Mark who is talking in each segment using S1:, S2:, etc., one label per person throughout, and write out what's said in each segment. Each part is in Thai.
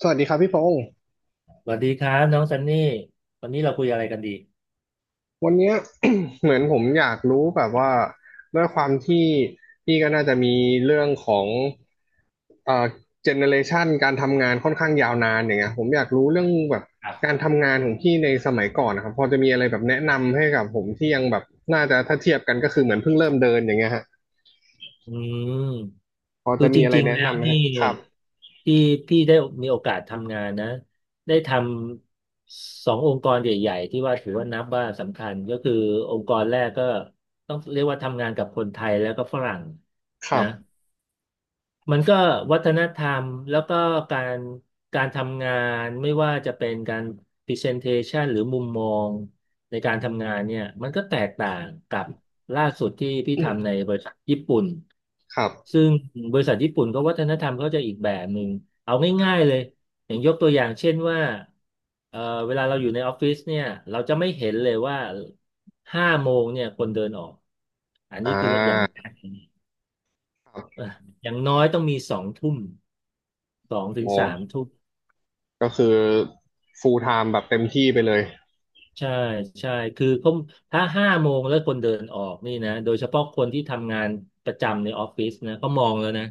S1: สวัสดีครับพี่พงศ์
S2: สวัสดีครับน้องซันนี่วันนี้เราคุยอะไรกันดี
S1: วันเนี้ย เหมือนผมอยากรู้แบบว่าด้วยความที่พี่ก็น่าจะมีเรื่องของเอ่อเจเนเรชันการทำงานค่อนข้างยาวนานอย่างเงี้ยผมอยากรู้เรื่องแบบ
S2: ครั
S1: การ
S2: บ
S1: ทำงานของพี่ในสมัยก่อนนะครับพอจะมีอะไรแบบแนะนำให้กับผมที่ยังแบบน่าจะถ้าเทียบกันก็คือเหมือนเพิ่งเริ่มเดินอย่างเงี้ยฮะ
S2: อืม
S1: พอ
S2: คื
S1: จะ
S2: อจ
S1: มีอะไร
S2: ริงๆ
S1: แนะ
S2: แล้ว
S1: นำไหม
S2: นี่
S1: ฮะครับ
S2: ที่พี่ได้มีโอกาสทำงานนะได้ทำสององค์กรใหญ่ๆที่ว่าถือว่านับว่าสำคัญก็คือองค์กรแรกก็ต้องเรียกว่าทำงานกับคนไทยแล้วก็ฝรั่ง
S1: ครั
S2: นะ
S1: บ
S2: มันก็วัฒนธรรมแล้วก็การการทำงานไม่ว่าจะเป็นการ presentation หรือมุมมองในการทำงานเนี่ยมันก็แตกต่างกับล่าสุดที่พี่ทำในบริษัทญี่ปุ่น
S1: ครับ
S2: ซึ่งบริษัทญี่ปุ่นก็วัฒนธรรมเขาจะอีกแบบหนึ่งเอาง่ายๆเลยอย่างยกตัวอย่างเช่นว่าเอ่อเวลาเราอยู่ในออฟฟิศเนี่ยเราจะไม่เห็นเลยว่าห้าโมงเนี่ยคนเดินออกอัน
S1: อ่
S2: นี้คืออย่างแร
S1: า
S2: ก
S1: ครับ
S2: อ่ะอย่างน้อยต้องมีสองทุ่มสองถึง
S1: โอ้
S2: สามทุ่ม
S1: ก็คือ full time แบบเต็มที่ไปเลย
S2: ใช่ใช่คือเขาถ้าห้าโมงแล้วคนเดินออกนี่นะโดยเฉพาะคนที่ทำงานประจำในออฟฟิศนะเขามองแล้วนะ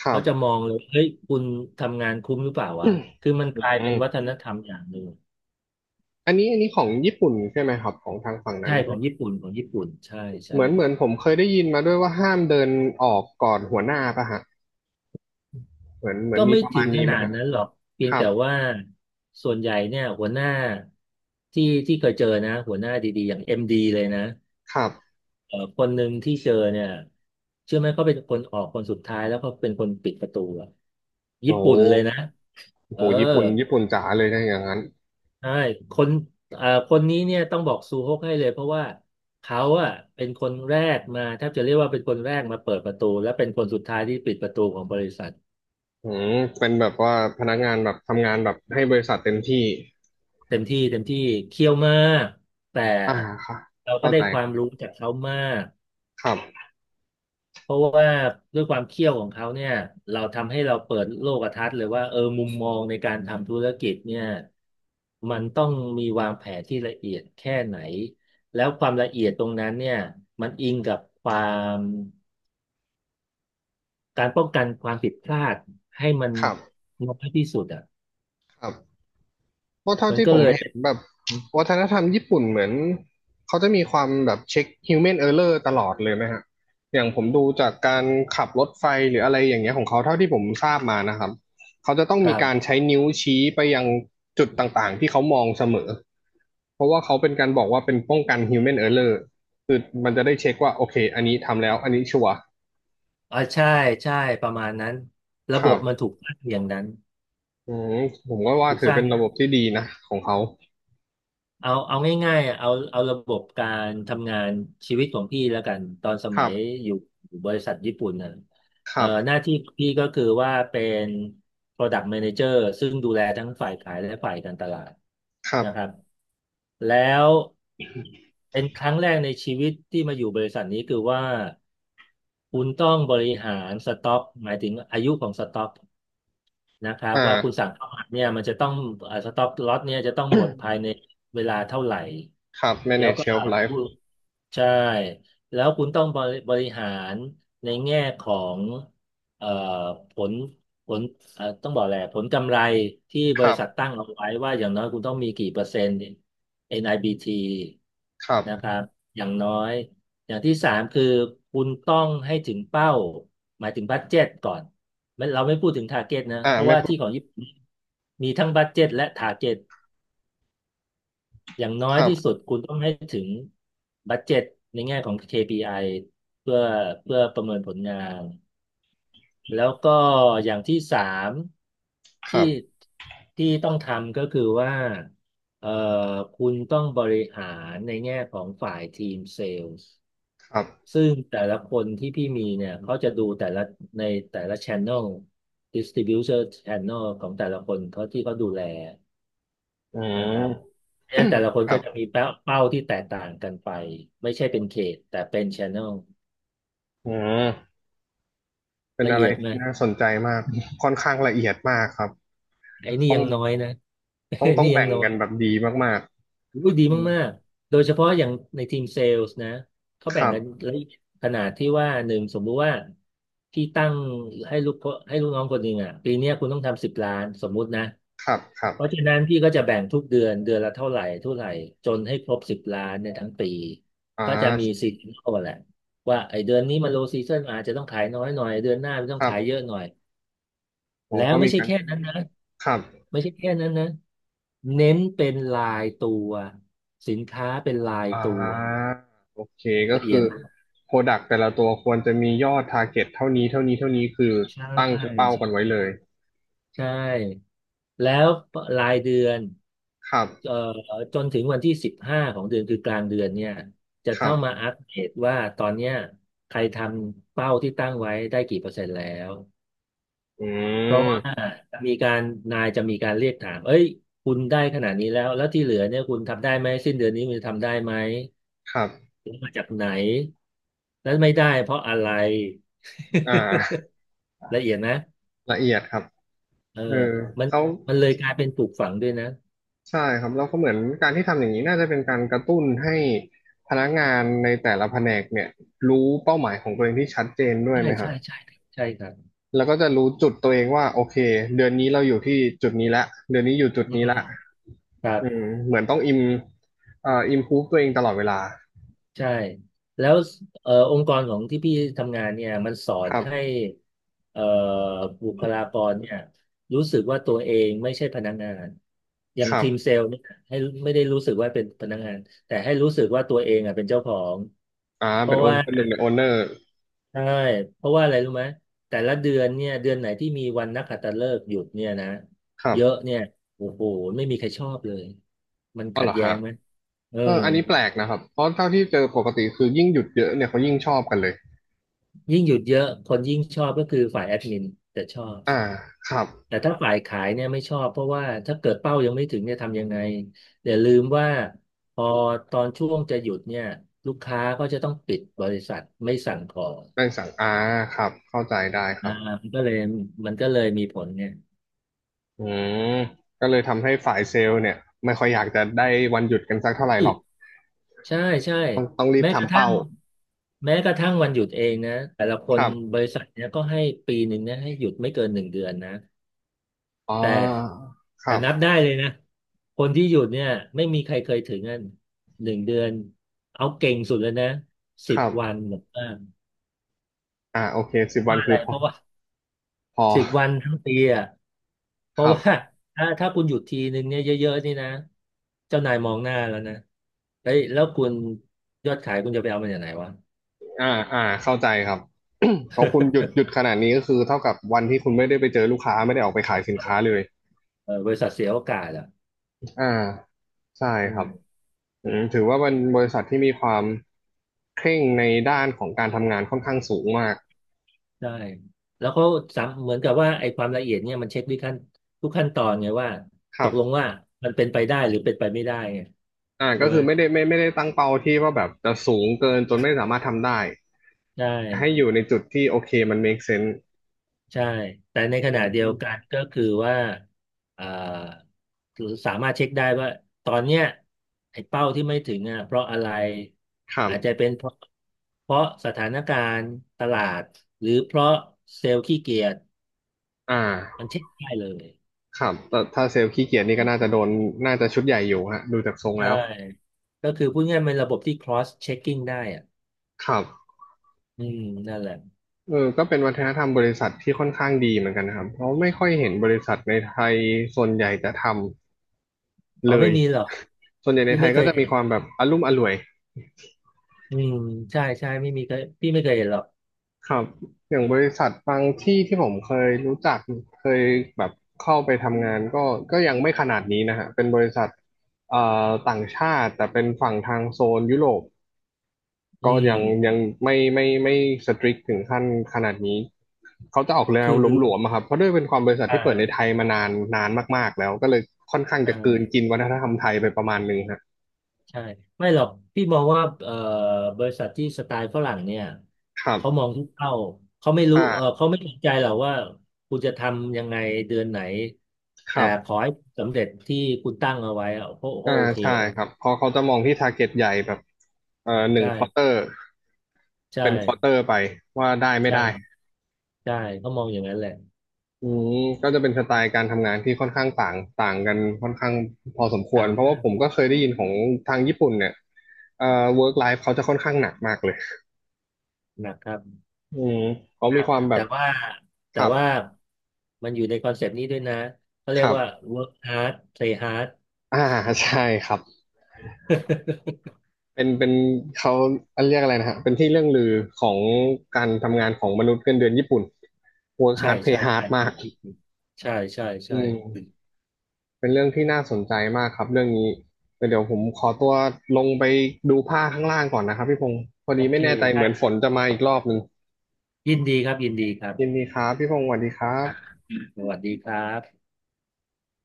S1: ครั
S2: เขา
S1: บ
S2: จะมองเลยเฮ้ยคุณทำงานคุ้มหรือเปล่า
S1: อื
S2: วะ
S1: ม
S2: คือมันกลายเป็นวัฒนธรรมอย่างหนึ่ง
S1: อันนี้ของญี่ปุ่นใช่ไหมครับของทางฝั่งนั้
S2: ใช่
S1: น
S2: ข
S1: ใช่
S2: อ
S1: ไห
S2: ง
S1: ม
S2: ญี่ปุ่นของญี่ปุ่นใช่ใช่
S1: เหมือนผมเคยได้ยินมาด้วยว่าห้ามเดินออกก่อนหัวหน้าป่ะฮะเหมือนเหมือ
S2: ก็
S1: นมี
S2: ไม่
S1: ประ
S2: ถึ
S1: มาณ
S2: งข
S1: นี้ไหม
S2: นาด
S1: ฮะ
S2: นั้นหรอกเพีย
S1: ค
S2: ง
S1: รับ
S2: แต่ว่าส่วนใหญ่เนี่ยหัวหน้าที่ที่เคยเจอนะหัวหน้าดีๆอย่างเอ็มดีเลยนะ
S1: ครับ
S2: คนหนึ่งที่เจอเนี่ยเชื่อไหมเขาเป็นคนออกคนสุดท้ายแล้วเขาเป็นคนปิดประตูอะ
S1: โอ้
S2: ญี่
S1: โห
S2: ปุ่นเลยนะเอ
S1: โห
S2: อ
S1: ญี่ปุ่นญี่ปุ่นจ๋าเลยนะอย่างนั้น
S2: ใช่คนคนนี้เนี่ยต้องบอกซูฮกให้เลยเพราะว่าเขาอะเป็นคนแรกมาแทบจะเรียกว่าเป็นคนแรกมาเปิดประตูและเป็นคนสุดท้ายที่ปิดประตูของบริษัท
S1: อืมเป็นแบบว่าพนักงานแบบทำงานแบบให้บริษัทเต็มที่
S2: เต็มที่เต็มที่เคี่ยวมากแต่
S1: อ่าค่ะ
S2: เราก็
S1: เข้า
S2: ได้
S1: ใจ
S2: ค
S1: ค
S2: วา
S1: รั
S2: ม
S1: บ
S2: รู้จากเขามาก
S1: ครับ
S2: เพราะว่าด้วยความเคี่ยวของเขาเนี่ยเราทำให้เราเปิดโลกทัศน์เลยว่าเออมุมมองในการทำธุรกิจเนี่ยมันต้องมีวางแผนที่ละเอียดแค่ไหนแล้วความละเอียดตรงนั้นเนี่ยมันอิงกับความการป้องกันความผิดพลาดให้มัน
S1: ครับ
S2: น้อยที่สุดอ่ะ
S1: ครับ เพราะเท่า
S2: มัน
S1: ที่
S2: ก็
S1: ผ
S2: เล
S1: ม
S2: ย
S1: เห็
S2: เป็
S1: น
S2: น
S1: แบบวัฒนธรรมญี่ปุ่นเหมือนเขาจะมีความแบบเช็ค human error ตลอดเลยนะฮะอย่างผมดูจากการขับรถไฟหรืออะไรอย่างเงี้ยของเขาเท่าที่ผมทราบมานะครับเขาจะต้อง
S2: ค
S1: มี
S2: รั
S1: การ
S2: บ
S1: ใช้นิ้วชี้ไปยังจุดต่างๆที่เขามองเสมอเพราะว่าเขาเป็นการบอกว่าเป็นป้องกัน human error คือมันจะได้เช็คว่าโอเคอันนี้ทำแล้วอันนี้ชัวร์
S2: อ๋อใช่ใช่ประมาณนั้น
S1: ค
S2: ระบ
S1: รั
S2: บมันถู
S1: บ
S2: กสร้างอย่างนั้น
S1: อืมผมก็ว่า
S2: ถูก
S1: ถื
S2: ส
S1: อ
S2: ร้าง
S1: เป็นระบบที่ดีนะของเขา
S2: เอาง่ายๆอ่ะเอาระบบการทำงานชีวิตของพี่แล้วกันตอนส
S1: ค
S2: มั
S1: รั
S2: ย
S1: บ
S2: อยู่อยู่บริษัทญี่ปุ่นน่ะ
S1: ครับ
S2: หน้าที่พี่ก็คือว่าเป็น Product Manager ซึ่งดูแลทั้งฝ่ายขายและฝ่ายการตลาด
S1: ครับ
S2: นะครับแล้วเป็นครั้งแรกในชีวิตที่มาอยู่บริษัทนี้คือว่าคุณต้องบริหารสต็อกหมายถึงอายุของสต็อก นะครั
S1: อ
S2: บว่าคุณสั่
S1: ่า
S2: งเข้ามาเนี่ยมันจะต้องสต็อกล็อตเนี่ยจะต้องหมดภายในเวลาเท่าไหร่
S1: ครับ
S2: แล้ว
S1: manage
S2: ก็
S1: shelf life
S2: ผู้ใช่แล้วคุณต้องบริหารในแง่ของเอ่อผลผลเอ่อต้องบอกแหละไรผลกำไรที่
S1: ค
S2: บ
S1: รั
S2: ริษัท
S1: บ
S2: ตั้งเอาไว้ว่าอย่างน้อยคุณต้องมีกี่เปอร์เซ็นต์ NIBT นไอบีที
S1: ครั
S2: นะค
S1: บ
S2: รับอย่างน้อยอย่างที่สามคือคุณต้องให้ถึงเป้าหมายถึงบัดเจ็ตก่อน ไม่เราไม่พูดถึงทาร์เก็ตนะ
S1: อ่า
S2: เพราะ
S1: ไม่
S2: ว่า
S1: พู
S2: ที่
S1: ด
S2: ของญี่ปุ่นมีทั้งบัดเจ็ตและทาร์เก็ตอย่างน้อ
S1: ค
S2: ย
S1: รั
S2: ที่
S1: บ
S2: สุดคุณต้องให้ถึงบัดเจ็ตในแง่ของ KPI เพื่อเพื่อประเมินผลงานแล้วก็อย่างที่สาม
S1: ค
S2: ที่
S1: รับ
S2: ที่ต้องทำก็คือว่าเอ่อคุณต้องบริหารในแง่ของฝ่ายทีมเซลล์
S1: ครับ
S2: ซึ่งแต่ละคนที่พี่มีเนี่ยเขาจะดูแต่ละในแต่ละ channel distributor channel ของแต่ละคนเขาที่เขาดูแล
S1: อื
S2: นะ
S1: ม
S2: ครับเพราะฉะนั้นแต่ละค น
S1: ครั
S2: ก็
S1: บ
S2: จะมีเป้าที่แตกต่างกันไปไม่ใช่เป็นเขตแต่เป็น channel
S1: อืม เป็น
S2: ละ
S1: อะไร
S2: เอียดไห
S1: ที่
S2: ม
S1: น่าสนใจมาก ค่อนข้างละเอียดมากครับ
S2: ไอ้นี่
S1: ต้อ
S2: ยั
S1: ง
S2: งน้อยนะ
S1: ต้อง
S2: ไอ้
S1: ต้อง
S2: นี่ยัง
S1: แบ่ง
S2: น้อ
S1: กันแบ
S2: ย
S1: บดีมาก
S2: อุ๊ยดี
S1: ๆอืม
S2: มากๆ โดยเฉพาะอย่างในทีมเซลส์นะเขา
S1: ค
S2: แบ่ง
S1: รั
S2: กัน
S1: บ
S2: ละเอียดขนาดที่ว่าหนึ่งสมมุติว่าพี่ตั้งให้ลูกน้องคนหนึ่งอ่ะปีเนี้ยคุณต้องทำสิบล้านสมมุตินะ
S1: ครับ ครับ
S2: เพราะฉะนั้นพี่ก็จะแบ่งทุกเดือนเดือนละเท่าไหร่เท่าไหร่จนให้ครบสิบล้านในยทั้งปี
S1: อ่
S2: ก็จะมี
S1: า
S2: ซีซันอลแหละว่าไอเดือนนี้มันโลซีซันอาจจะต้องขายน้อยหน่อยเดือนหน้ามันต้อ
S1: ค
S2: ง
S1: รั
S2: ขายเย
S1: บ
S2: อะหน่อย
S1: ผม
S2: แล้ว
S1: ก็
S2: ไม่
S1: มี
S2: ใช่
S1: การ
S2: แค่
S1: ใช้
S2: นั้นนะ
S1: ครับ
S2: ไม่ใช่แค่นั้นนะเน้นเป็นลายตัวสินค้าเป็นลาย
S1: อ่
S2: ตัว
S1: าโอเค ก็
S2: ละเอีย
S1: คื
S2: ด
S1: อ
S2: มาก
S1: Product แต่ละตัวควรจะมียอด Target เท่านี้ เท่านี้ เท่านี้คือ
S2: ใช่
S1: ตั้งเป้า
S2: ใ
S1: กันไว้เลย
S2: ช่ใช่แล้วรายเดือน
S1: ครับ
S2: เอ่อจนถึงวันที่15ของเดือนคือกลางเดือนเนี่ยจะ
S1: ครั
S2: ต้องมา
S1: บ
S2: อัปเดตว่าตอนเนี้ยใครทำเป้าที่ตั้งไว้ได้กี่%แล้ว
S1: อื
S2: เพราะว่า
S1: ม
S2: จะมีการนายจะมีการเรียกถามเอ้ยคุณได้ขนาดนี้แล้วแล้วที่เหลือเนี่ยคุณทำได้ไหมสิ้นเดือนนี้คุณจะทำได้ไหม
S1: ครับ
S2: มาจากไหน แล้วไม่ได้เพราะอะไร
S1: อ่า
S2: ละเอียดนะ
S1: ละเอียดครับ
S2: เออ
S1: เออ
S2: มัน
S1: เขา
S2: มันเลยกลายเป็นปลูกฝังด้วยนะ
S1: ใช่ครับแล้วก็เหมือนการที่ทำอย่างนี้น่าจะเป็นการกระตุ้นให้พนักงานในแต่ละแผนกเนี่ยรู้เป้าหมายของตัวเองที่ชัดเจนด้วย
S2: ใช่
S1: ไหมฮะ
S2: ใช่ใช่ครับใช่ครับ
S1: แล้วก็จะรู้จุดตัวเองว่าโอเคเดือนนี้เราอยู่ที่จุดนี้ละเดือนนี้อยู่จุด
S2: อื
S1: นี้
S2: ม
S1: ละ
S2: ครับ
S1: อืมเหมือนต้องอิมพูฟตัวเองตลอดเวลา
S2: ใช่แล้วองค์กรของที่พี่ทำงานเนี่ยมันสอ
S1: ค
S2: น
S1: รับ
S2: ให้เอ่อบุคลากรเนี่ยรู้สึกว่าตัวเองไม่ใช่พนักงานอย่า
S1: ค
S2: ง
S1: รั
S2: ทีม
S1: บ
S2: เซลล์เนี่ยให้ไม่ได้รู้สึกว่าเป็นพนักงานแต่ให้รู้สึกว่าตัวเองอ่ะเป็นเจ้าของ
S1: อ่า
S2: เพ
S1: เป็น
S2: ราะ
S1: โอน
S2: ว่า
S1: เป็นหนึ่งในโอนเนอร์
S2: ใช่เพราะว่าอะไรรู้ไหมแต่ละเดือนเนี่ยเดือนไหนที่มีวันนักขัตฤกษ์หยุดเนี่ยนะ
S1: ครั
S2: เยอะ
S1: บ
S2: เนี่ยโอ้โหไม่มีใครชอบเลย มัน
S1: อ๋อ
S2: ขั
S1: เหร
S2: ด
S1: อ
S2: แย้
S1: ฮะ
S2: งไหมเออ
S1: เอออันนี้แปลกนะครับเพราะเท่าที่เจอปกติคือยิ่งหยุดเยอะเนี่ยเขายิ่งชอบกันเลย
S2: ยิ่งหยุดเยอะ คนยิ่งชอบก็คือฝ่ายแอดมินจะชอบ
S1: อ่าครับ
S2: แต่ถ้าฝ่ายขายเนี่ยไม่ชอบ เพราะว่าถ้าเกิดเป้ายังไม่ถึงเนี่ยทำยังไงอย่าลืมว่า พอตอนช่วงจะหยุดเนี่ยลูกค้าก็จะต้องปิดบริษัทไม่สั่งของ
S1: แบ่งสั่งอ่าครับ เข้าใจได้ครั
S2: อ่า
S1: บ
S2: มันก็เลยมันก็เลยมีผลเนี่ย
S1: อืมก็เลยทำให้ฝ่ายเซลล์เนี่ยไม่ค่อยอยากจะได้วันหยุดกันสักเท่าไหร่หรอก
S2: ใช่ใช่
S1: ต้องรีบ
S2: แม้กระ
S1: ทำ
S2: ทั่ง
S1: เป้า
S2: แม้กระทั่งวันหยุดเองนะแต่ละค
S1: ค
S2: น
S1: รั
S2: บ
S1: บ
S2: ริษัทเนี้ยก็ให้ปีหนึ่งเนี่ยให้หยุดไม่เกินหนึ่งเดือนนะ
S1: อ๋อ
S2: แต่
S1: ค
S2: แต่
S1: รับ
S2: นับได้เลยนะคนที่หยุดเนี่ยไม่มีใครเคยถึงอ่นหนึ่งเดือนเอาเก่งสุดเลยนะสิ
S1: ค
S2: บ
S1: รั
S2: วัน
S1: บ
S2: หรือว่า
S1: อ่าโอเคสิบวัน
S2: ว่าะอะ
S1: คื
S2: ไร
S1: อพอ
S2: เพราะว่า
S1: พอ
S2: สิบวันทั้งปีอ่ะเพ
S1: ค
S2: ราะ
S1: รั
S2: ว่า
S1: บ
S2: ถ้าคุณหยุดทีหนึ่งเนี่ยเยอะๆนี่นะเจ้านายมองหน้าแล้วนะเฮ้ยแล้วคุณยอดขายคุณจะไปเอามาจากไหนวะ
S1: อ่าอ่าเข้าใจครับ พองคุณหยุดหยุดขนาดนี้ก็คือเท่ากับวันที่คุณไม่ได้ไปเจอลูกค้าไม่ได้ออกไปขายสินค้าเลย
S2: เออบริษัทเสียโอกาสอ่ะ
S1: อ่าใช่
S2: อื
S1: ครั
S2: ม
S1: บอืมถือว่าเป็นบริษัทที่มีความเคร่งในด้านของการทำงานค่อนข้างสูงมาก
S2: ใช่แล้วก็สามเหมือนกับว่าไอ้ความละเอียดเนี่ยมันเช็คทุกขั้นทุกขั้นตอนไงว่า
S1: ค
S2: ต
S1: รั
S2: กลง
S1: บ
S2: ว่ามันเป็นไปได้หรือเป็นไปไม่ได้ไง
S1: อ่า
S2: ใช่
S1: ก็
S2: ไหม
S1: คือไม่ได้ตั้งเป้าที่ว่าแบบจะสูงเกินจนไม่สามารถทำได้
S2: ใช่
S1: ให้อยู่ในจุดที่โอเคมัน make sense
S2: ใช่แต่ใน
S1: อ
S2: ขณะเดียว
S1: ื
S2: กัน
S1: ม
S2: ก็คือว่าอ่าสามารถเช็คได้ว่าตอนเนี้ยไอ้เป้าที่ไม่ถึงอ่ะเพราะอะไร
S1: ครับ
S2: อาจจะเป็นเพราะสถานการณ์ตลาดหรือเพราะเซลล์ขี้เกียจ
S1: อ่า
S2: มันเช็คได้เลย
S1: ครับแต่ถ้าเซลล์ขี้เกียจนี่ก็น่าจะโดน น่าจะชุดใหญ่อยู่ฮะดูจากทรง
S2: ใช่
S1: แล้ว
S2: ก็คือพูดง่ายๆเป็นระบบที่ cross checking ได้อ่ะ
S1: ครับ
S2: อืมนั่นแหละ
S1: เออก็เป็นวัฒนธรรมบริษัทที่ค่อนข้างดีเหมือนกันนะครับเพราะไม่ค่อยเห็นบริษัทในไทยส่วนใหญ่จะทำ
S2: อ๋อ
S1: เล
S2: ไม่
S1: ย
S2: มีหรอก
S1: ส่วนใหญ่ใน
S2: พี่
S1: ไท
S2: ไม่
S1: ย
S2: เค
S1: ก็
S2: ย
S1: จะมี
S2: เห็
S1: ค
S2: น
S1: วามแบบอลุ่มอล่วย
S2: อืมใช่ใช่ไม่มีเคยพี่ไม่เคยเห็นหรอก
S1: ครับอย่างบริษัทบางที่ที่ผมเคยรู้จักเคยแบบเข้าไปทำงานก็ยังไม่ขนาดนี้นะฮะเป็นบริษัทเอ่ต่างชาติแต่เป็นฝั่งทางโซนยุโรป
S2: อื
S1: ก็
S2: ม
S1: ยังไม่สตริกถึงขั้นขนาดนี้เขาจะออกแน
S2: คื
S1: ว
S2: อ
S1: หลวมๆอะครับเพราะด้วยเป็นความบริษัท
S2: ใช่
S1: ที่เปิดในไทยมานานนานมากๆแล้วก็เลยค่อนข้างจะกลืน
S2: ใช่
S1: กินวัฒนธรรมไทยไปประมาณหนึงฮะ
S2: ใช่ไม่หรอกพี่มองว่าบริษัทที่สไตล์ฝรั่งเนี่ย
S1: ครับ
S2: เขามองทุกเป้าเขาไม่รู้เออ
S1: อ่า
S2: เขาไม่สนใจหรอกว่าคุณจะทำยังไงเดือนไหน
S1: ค
S2: แต่
S1: รั
S2: ขอ
S1: บ
S2: ให้สำเร็จที่คุณตั้งเอาไว้อะเขา
S1: อ่า
S2: เขาโอเค
S1: ใช่
S2: แล้ว
S1: ครับเพราะเขาจะมองที่ target ใหญ่แบบหนึ่ง
S2: ใช่
S1: ควอเตอร์
S2: ใช่
S1: เป็นควอเตอร์ไปว่าได้ไม่ได้
S2: ใช่ ใช่เขามองอย่างนั้นแหละ
S1: อืมก็จะเป็นสไตล์การทำงานที่ค่อนข้างต่างต่างกันค่อนข้างพอสมควร
S2: ถาม
S1: เพราะว่าผมก็เคยได้ยินของทางญี่ปุ่นเนี่ยเอ่อ work life เขาจะค่อนข้างหนักมากเลย
S2: หนักครับ
S1: อืมเขา
S2: ค
S1: มี
S2: รับ
S1: ความแบ
S2: แต่
S1: บ
S2: ว่า
S1: ค
S2: แต่
S1: รับ
S2: ว่ามันอยู่ในคอนเซปต์นี้ด้วยนะเขา
S1: ค
S2: เรียก
S1: รั
S2: ว่า
S1: บ
S2: work hard play hard
S1: อ่าใช่ครับ เป็นเขาเรียกอะไรนะฮะเป็นที่เรื่องลือของการทำงานของมนุษย์เงินเดือนญี่ปุ่น work
S2: ใช่
S1: hard pay
S2: ใช่
S1: hard
S2: ใช่
S1: มาก
S2: ใช่ใช่
S1: อื
S2: ใช่
S1: ม
S2: ใช่
S1: เป็นเรื่องที่น่าสนใจมากครับเรื่องนี้แต่เดี๋ยวผมขอตัวลงไปดูผ้าข้างล่างก่อนนะครับพี่พงศ์พอ
S2: โอ
S1: ดีไม่
S2: เค
S1: แน่ใจเห
S2: ได้
S1: มือนฝนจะมาอีกรอบหนึ่ง
S2: ยินดีครับยินดีครับ
S1: ยินดีครับพี่พงศ์สวัสดีครับ
S2: สวัสดีครับ